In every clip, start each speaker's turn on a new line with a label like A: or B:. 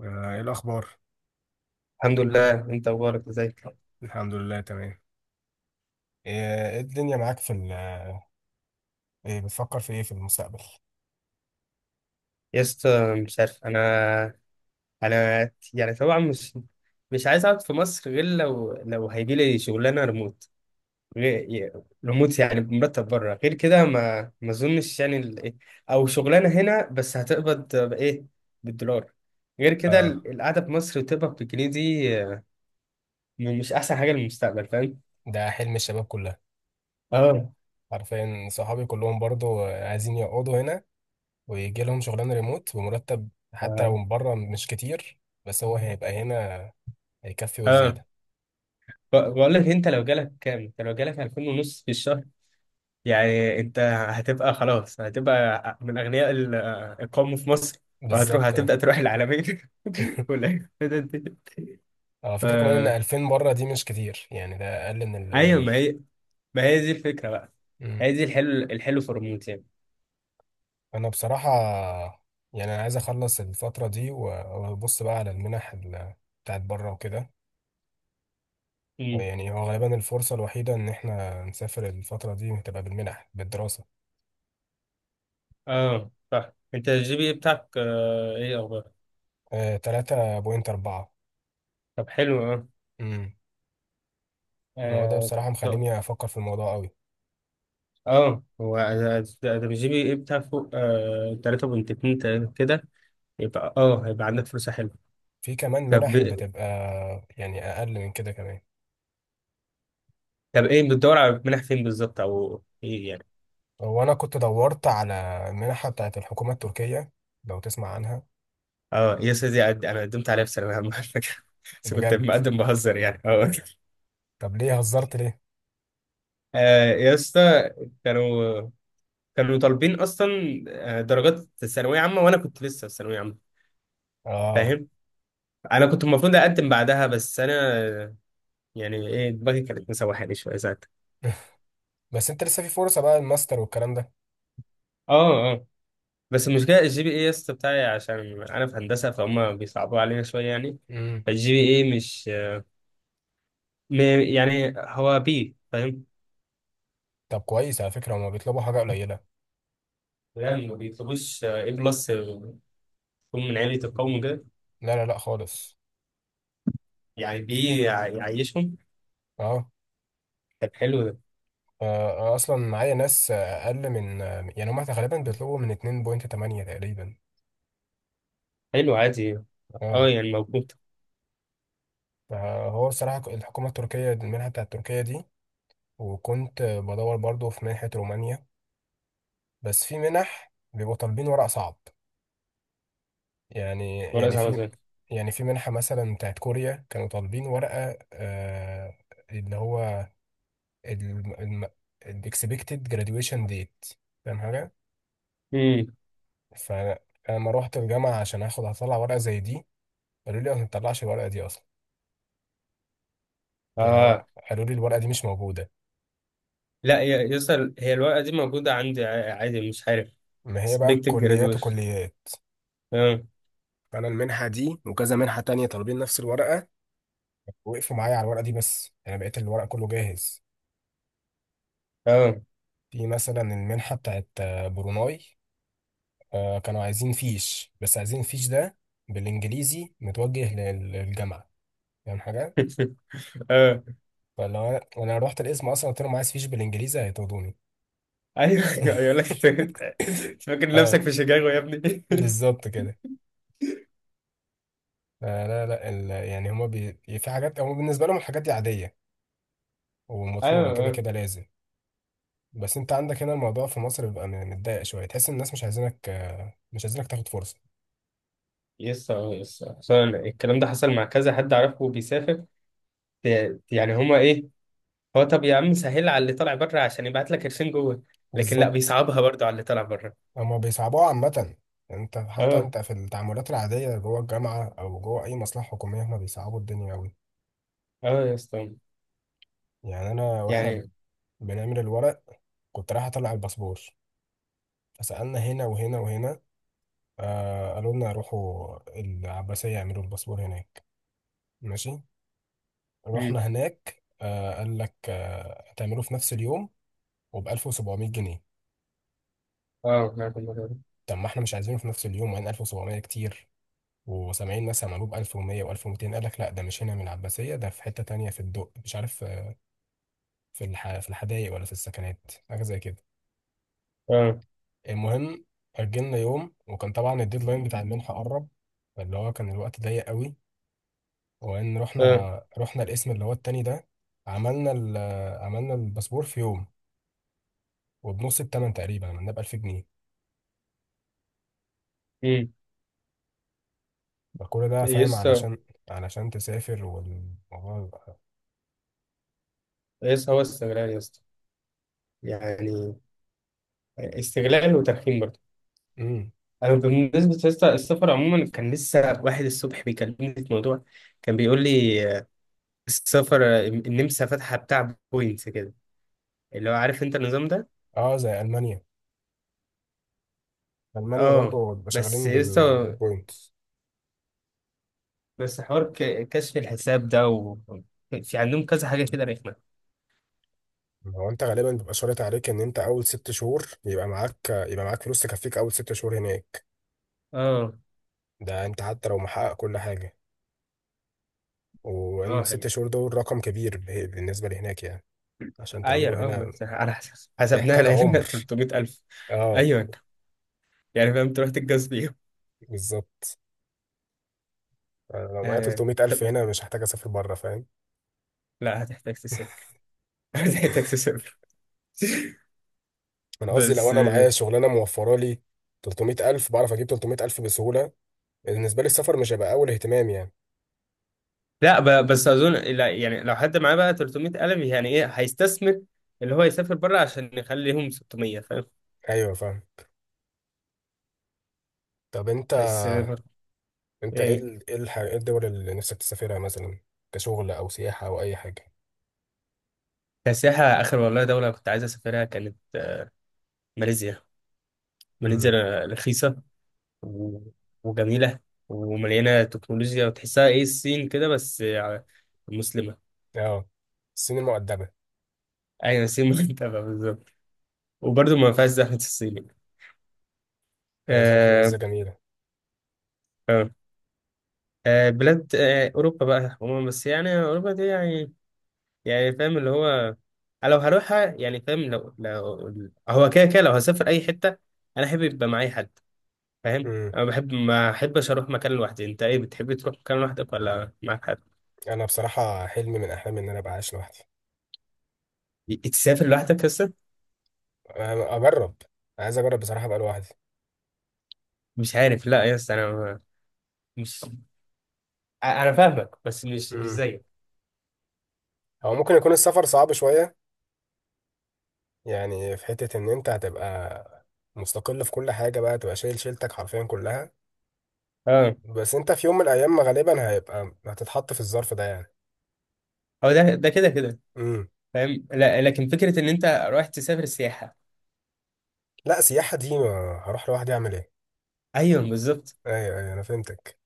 A: ايه الاخبار؟
B: الحمد لله، انت اخبارك؟ ازيك؟
A: الحمد لله تمام. إيه الدنيا معاك في ال ايه بتفكر في ايه في المستقبل؟
B: يا اسطى مش عارف. انا يعني طبعا، مش عايز اقعد في مصر غير لو هيجي لي شغلانه ريموت. غير ريموت يعني بمرتب بره، غير كده ما اظنش. او شغلانه هنا بس هتقبض بايه؟ بالدولار. غير كده
A: اه.
B: القعده في مصر وتقبض بالجنيه دي، مش احسن حاجه للمستقبل، فاهم؟
A: ده حلم الشباب كلها،
B: اه،
A: حرفيا صحابي كلهم برضو عايزين يقعدوا هنا ويجي لهم شغلانه ريموت بمرتب، حتى لو
B: اه،
A: من بره مش كتير، بس هو هيبقى هنا، هيكفي
B: اه.
A: وزياده.
B: بقول لك، انت لو جالك كام، انت لو جالك 2000 ونص في الشهر، يعني انت هتبقى، خلاص هتبقى من اغنياء القوم في مصر. وهتروح،
A: بالظبط اه.
B: هتبدا تروح العالمين ولا؟
A: على
B: ف...
A: فكره كمان ان 2000 بره دي مش كتير، يعني ده اقل من
B: ايوه،
A: القليل.
B: ما هي، دي الفكره بقى. هي دي الحلو، الحلو في الريموت يعني.
A: انا بصراحه يعني انا عايز اخلص الفتره دي وابص بقى على المنح بتاعت بره وكده.
B: مم.
A: يعني هو غالبا الفرصه الوحيده ان احنا نسافر، الفتره دي هتبقى بالمنح، بالدراسه.
B: اه صح، انت الجي بي إيه بتاعك، ايه اخبار؟
A: 3.4.
B: طب حلو، اه،
A: امم. ما هو ده
B: اه.
A: بصراحه
B: طب-
A: مخليني افكر في الموضوع قوي.
B: اه، هو ده، ده الجي بي ايه بتاع فوق، 3.2 تقريبا كده. يبقى هيبقى عندك فرصه حلوه.
A: في كمان
B: طب،
A: منح بتبقى يعني اقل من كده كمان.
B: ايه، بتدور على منح فين بالظبط، او ايه يعني؟
A: وانا كنت دورت على المنحه بتاعت الحكومه التركيه، لو تسمع عنها.
B: اه، يس، دي انا قدمت عليها في ثانويه عامه على فكره بس كنت
A: بجد؟
B: مقدم بهزر يعني، اه.
A: طب ليه هزرت، ليه؟
B: يا اسطى، كانوا كانوا طالبين اصلا درجات ثانويه عامه، وانا كنت لسه في ثانويه عامه،
A: اه.
B: فاهم؟ انا كنت المفروض اقدم بعدها، بس انا، آه، يعني ايه، دماغي كانت مسوحاني شويه ساعتها.
A: بس انت لسه في فرصه بقى، الماستر والكلام ده.
B: اه، اه. بس المشكله الجي بي اي يا اسطى بتاعي، عشان انا في هندسه، فهم بيصعبوا علينا شويه يعني.
A: امم.
B: فالجي بي اي مش، يعني هو بي، فاهم.
A: طب كويس، على فكرة هما بيطلبوا حاجة قليلة.
B: لا، ما بيطلبوش ايه بلس، يكون من عيلة القوم كده،
A: لا لا لا خالص.
B: يعني بيعيشهم.
A: اه.
B: طب حلو ده.
A: اصلا معايا ناس اقل من، يعني هما غالبا بيطلبوا من 2.8 تقريبا.
B: حلو، عادي، اه،
A: اه.
B: يعني موجود.
A: فهو الصراحة، الحكومة التركية، المنحة بتاعت تركيا دي، وكنت بدور برضو في منحة رومانيا، بس في منح بيبقوا طالبين ورق صعب. يعني
B: ورقة
A: يعني
B: صعبة
A: في،
B: زي؟
A: يعني في منحة مثلا بتاعت كوريا كانوا طالبين ورقة اللي هو الاكسبكتد جراديويشن ديت. فاهم حاجة؟
B: امم.
A: فانا لما روحت الجامعه عشان اخد هطلع ورقه زي دي، قالوا لي ما بنطلعش الورقه دي اصلا. يعني هو
B: اه،
A: قالوا لي الورقه دي مش موجوده.
B: لا يا يسأل، هي الورقة دي موجودة عندي، عادي، مش عارف.
A: ما هي بقى
B: expected
A: كليات
B: graduation.
A: وكليات.
B: اه،
A: فانا المنحه دي وكذا منحه تانية طالبين نفس الورقه، وقفوا معايا على الورقه دي، بس انا بقيت الورق كله جاهز.
B: اه.
A: في مثلا المنحه بتاعت بروناي، كانوا عايزين فيش، بس عايزين فيش ده بالانجليزي متوجه للجامعه، يعني حاجه.
B: اه،
A: فلو أنا رحت القسم اصلا، قلت لهم عايز فيش بالانجليزي، هيطردوني.
B: ايوه، ايوه يقول لك انت، أنت فاكر
A: اه
B: نفسك في شيكاغو يا ابني؟
A: بالظبط كده. لا لا، يعني في حاجات هما بالنسبة لهم الحاجات دي عادية
B: ايوه،
A: ومطلوبة كده
B: اه،
A: كده لازم. بس انت عندك هنا الموضوع في مصر بيبقى متضايق شوية، تحس ان الناس مش عايزينك مش عايزينك تاخد فرصة.
B: يس، اه، يس. أصل أنا الكلام ده حصل مع كذا حد اعرفه بيسافر. يعني هما ايه، هو طب يا عم، سهل على اللي طالع بره عشان يبعت لك قرشين جوه، لكن لا،
A: بالظبط.
B: بيصعبها برضو على اللي طالع بره.
A: هما بيصعبوها عامة. انت حتى
B: اه،
A: انت في التعاملات العادية جوه الجامعة او جوه اي مصلحة حكومية هما بيصعبوا الدنيا اوي.
B: اه يا اسطى،
A: يعني انا واحنا
B: يعني
A: بنعمل الورق، كنت رايح اطلع الباسبور، فسألنا هنا وهنا وهنا. قالوا لنا روحوا العباسية يعملوا الباسبور هناك. ماشي،
B: مم.
A: رحنا هناك، قال لك هتعمله في نفس اليوم وب 1700 جنيه.
B: اه، نعرف الموضوع ده.
A: طب ما احنا مش عايزينه في نفس اليوم، وبعدين 1700 كتير، وسامعين ناس عملوه ب 1100 و1200. قال لك لا، ده مش هنا من العباسية، ده في حتة تانية في الدق، مش عارف في الحدائق ولا في السكنات، حاجة زي كده.
B: اه،
A: المهم، أجلنا يوم، وكان طبعا الديدلاين بتاع المنحة قرب، فاللي هو كان الوقت ضيق قوي. وان رحنا،
B: اه.
A: الاسم اللي هو التاني ده، عملنا ال... آه، عملنا الباسبور في يوم، وبنص التمن تقريبا عملناه ب 1000 جنيه.
B: مم.
A: فكل ده
B: يا
A: فاهم
B: اسطى،
A: علشان تسافر، والموضوع يبقى...
B: يا اسطى هو استغلال يا اسطى، يعني استغلال وترخيم برضو.
A: امم.
B: انا بالنسبه يا اسطى، السفر عموما، كان لسه واحد الصبح بيكلمني في موضوع، كان بيقول لي السفر، النمسا فاتحه بتاع بوينتس كده، اللي هو عارف انت النظام ده.
A: اه، زي المانيا، المانيا
B: اه،
A: برضو بيبقى
B: بس
A: شغالين
B: لسه،
A: بالبوينتس.
B: بس حوار كشف الحساب ده، في عندهم كذا حاجة كده رخمة.
A: هو انت غالبا بيبقى شرط عليك ان انت اول 6 شهور يبقى معاك، فلوس تكفيك اول 6 شهور هناك.
B: اه،
A: ده انت حتى لو محقق كل حاجه.
B: اه،
A: وان ست
B: هي.
A: شهور دول رقم كبير بالنسبه لهناك يعني. عشان تعمله
B: عير،
A: هنا
B: بس على حسب حسبناها،
A: محتاج
B: لقينا
A: عمر.
B: 300000.
A: اه
B: أيوة. يعني فاهم، تروح تتجوز بيهم.
A: بالظبط. أنا لو معايا
B: آه.
A: 300000
B: طب
A: هنا مش هحتاج اسافر بره، فاهم.
B: لا، هتحتاج تسافر هتحتاج تسافر
A: انا قصدي لو
B: بس
A: انا معايا شغلانه موفره لي 300000، بعرف اجيب 300000 بسهوله. بالنسبه لي السفر مش هيبقى اول اهتمام يعني.
B: لا، بس أظن، لا، يعني لو حد معاه بقى 300000، يعني إيه، هيستثمر، اللي هو يسافر بره عشان يخليهم 600، فاهم؟
A: ايوه فاهم. طب انت،
B: بس برضه.
A: انت ايه
B: إيه؟
A: ال- ايه الح- إيه الدول اللي نفسك تسافرها مثلا، كشغل او سياحه او اي حاجه؟
B: كسياحة، آخر والله دولة كنت عايز أسافرها كانت، ماليزيا. ماليزيا
A: امم.
B: رخيصة، و- وجميلة ومليانة تكنولوجيا، وتحسها ايه الصين كده، بس مسلمة.
A: اه، الصين المؤدبه.
B: أيوة، الصين متابعة بالظبط. وبرضه ما فيهاش زحمة الصين.
A: هي بصراحه
B: آه،
A: لسه جميله.
B: آه، بلاد أوروبا بقى عموما، بس يعني أوروبا دي يعني، فاهم اللي هو، أنا لو هروحها يعني فاهم، لو هو كده كده، لو هسافر أي حتة، أنا أحب يبقى معايا حد. فاهم؟
A: امم.
B: أنا بحب، ما أحبش أروح مكان لوحدي. أنت إيه، بتحب تروح مكان لوحدك ولا معاك حد؟
A: انا بصراحه حلمي من احلامي ان انا ابقى عايش لوحدي.
B: تسافر لوحدك بس؟
A: أنا اجرب عايز اجرب بصراحه ابقى لوحدي.
B: مش عارف. لا يا اسطى، انا ما- مش ع- انا فاهمك، بس مش
A: امم.
B: زيك.
A: هو ممكن يكون السفر صعب شويه، يعني في حتة ان انت هتبقى مستقل في كل حاجة بقى، تبقى شايل شيلتك حرفيا كلها.
B: اه،
A: بس انت في يوم من الايام غالبا هتتحط في الظرف ده يعني.
B: هو ده، كده كده،
A: امم.
B: فاهم. لا، لكن فكره ان انت رايح تسافر سياحه.
A: لا، سياحة دي ما هروح لوحدي اعمل ايه.
B: ايوه بالظبط.
A: ايوه ايوه انا فهمتك.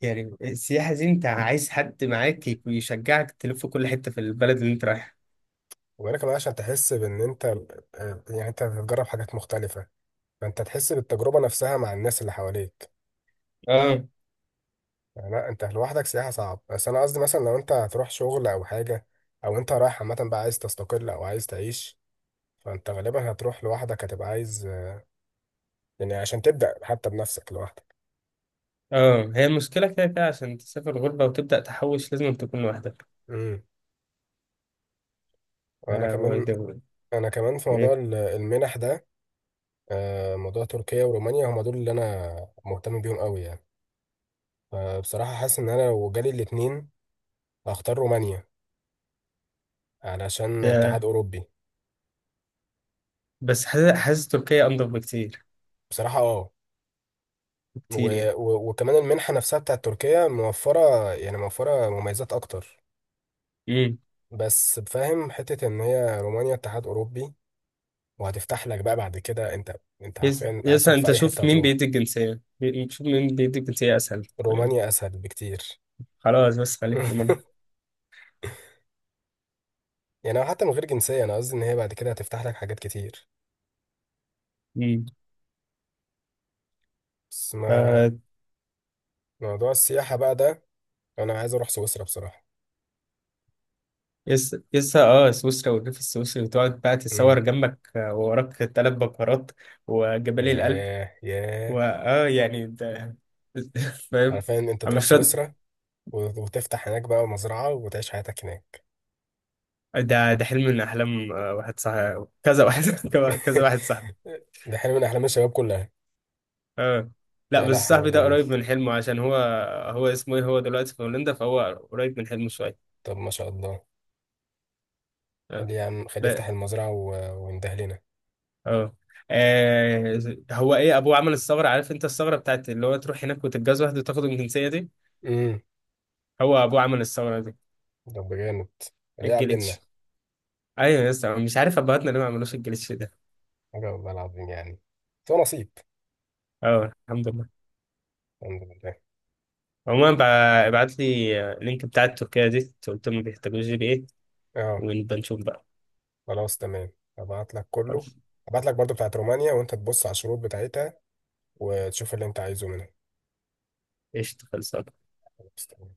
B: يعني السياحه دي، انت عايز حد معاك يشجعك تلف كل حته في البلد اللي انت رايحها.
A: وغير كمان عشان تحس بان انت، يعني انت هتجرب حاجات مختلفة، فانت تحس بالتجربة نفسها مع الناس اللي حواليك.
B: اه،
A: يعني لا، انت لوحدك سياحة صعب، بس انا قصدي مثلا لو انت هتروح شغل او حاجة، او انت رايح عامة بقى عايز تستقل او عايز تعيش، فانت غالبا هتروح لوحدك، هتبقى عايز يعني عشان تبدأ حتى بنفسك لوحدك.
B: اه، هي المشكله، كده كده عشان تسافر غربه وتبدا تحوش لازم تكون لوحدك.
A: امم. انا
B: اه، واي
A: كمان
B: ده.
A: انا كمان في موضوع
B: ايه؟
A: المنح ده، موضوع تركيا ورومانيا هما دول اللي انا مهتم بيهم قوي يعني. فبصراحة حاسس ان انا لو جالي الاتنين هختار رومانيا علشان اتحاد
B: ده-
A: اوروبي.
B: بس حاسس تركيا انضف بكتير،
A: بصراحة اه. و...
B: بكتير
A: وكمان المنحة نفسها بتاعت تركيا موفرة، يعني موفرة مميزات اكتر.
B: يعني.
A: بس فاهم حتة ان هي رومانيا اتحاد اوروبي، وهتفتح لك بقى بعد كده، انت
B: يس،
A: عارفين عايز
B: يس،
A: تروح في
B: انت
A: اي حتة
B: شوف مين
A: هتروح،
B: بيدي الجنسية، شوف مين بيدي الجنسية اسهل يعني.
A: رومانيا اسهل بكتير.
B: خلاص، بس خليك في المرة.
A: يعني هو حتى من غير جنسية، أنا قصدي إن هي بعد كده هتفتح لك حاجات كتير.
B: امم.
A: بس ما
B: ف
A: موضوع السياحة بقى ده، أنا عايز أروح سويسرا بصراحة.
B: يس، يس، اه، سويسرا والريف السويسري، وتقعد بقى تتصور
A: امم.
B: جنبك، ووراك تلات بكرات وجبالي الألب،
A: ياه ياه.
B: واه يعني ده فاهم.
A: عارفين أنت
B: أنا
A: تروح
B: مش شرط.
A: سويسرا وتفتح هناك بقى مزرعة وتعيش حياتك هناك.
B: ده حلم من احلام واحد صاحبي، كذا واحد كذا واحد صاحبي.
A: ده حلم من أحلام الشباب كلها.
B: اه، لا،
A: لا
B: بس
A: لا، حوار
B: صاحبي ده
A: جميل.
B: قريب من حلمه، عشان هو، اسمه ايه، هو دلوقتي في هولندا، فهو قريب من حلمه شوية.
A: طب ما شاء الله، خليه يفتح
B: آه.
A: المزرعة وينده لنا.
B: اه. آه، هو ايه، ابوه عمل الثغره. عارف انت الثغره بتاعت اللي هو تروح هناك وتتجوز واحده وتاخد الجنسيه دي.
A: امم.
B: هو ابوه عمل الثغره دي.
A: طب جامد، خليه يعلمنا.
B: الجليتش. ايوه يا اسطى، مش عارف ابهاتنا ليه ما عملوش الجليتش ده.
A: حاجة والله العظيم يعني، بس هو نصيب.
B: اه، الحمد لله.
A: الحمد لله.
B: عموما، ابعت لي اللينك بتاع التركيه دي، قلت لهم بيحتاجوا جي بي ايه،
A: اه.
B: ونبقى نشوف بقى.
A: خلاص تمام. هبعت لك كله.
B: خلاص.
A: هبعت لك برضو بتاعت رومانيا، وانت تبص على الشروط بتاعتها وتشوف اللي انت عايزه منها.
B: قشطه، خلصان.
A: خلاص تمام.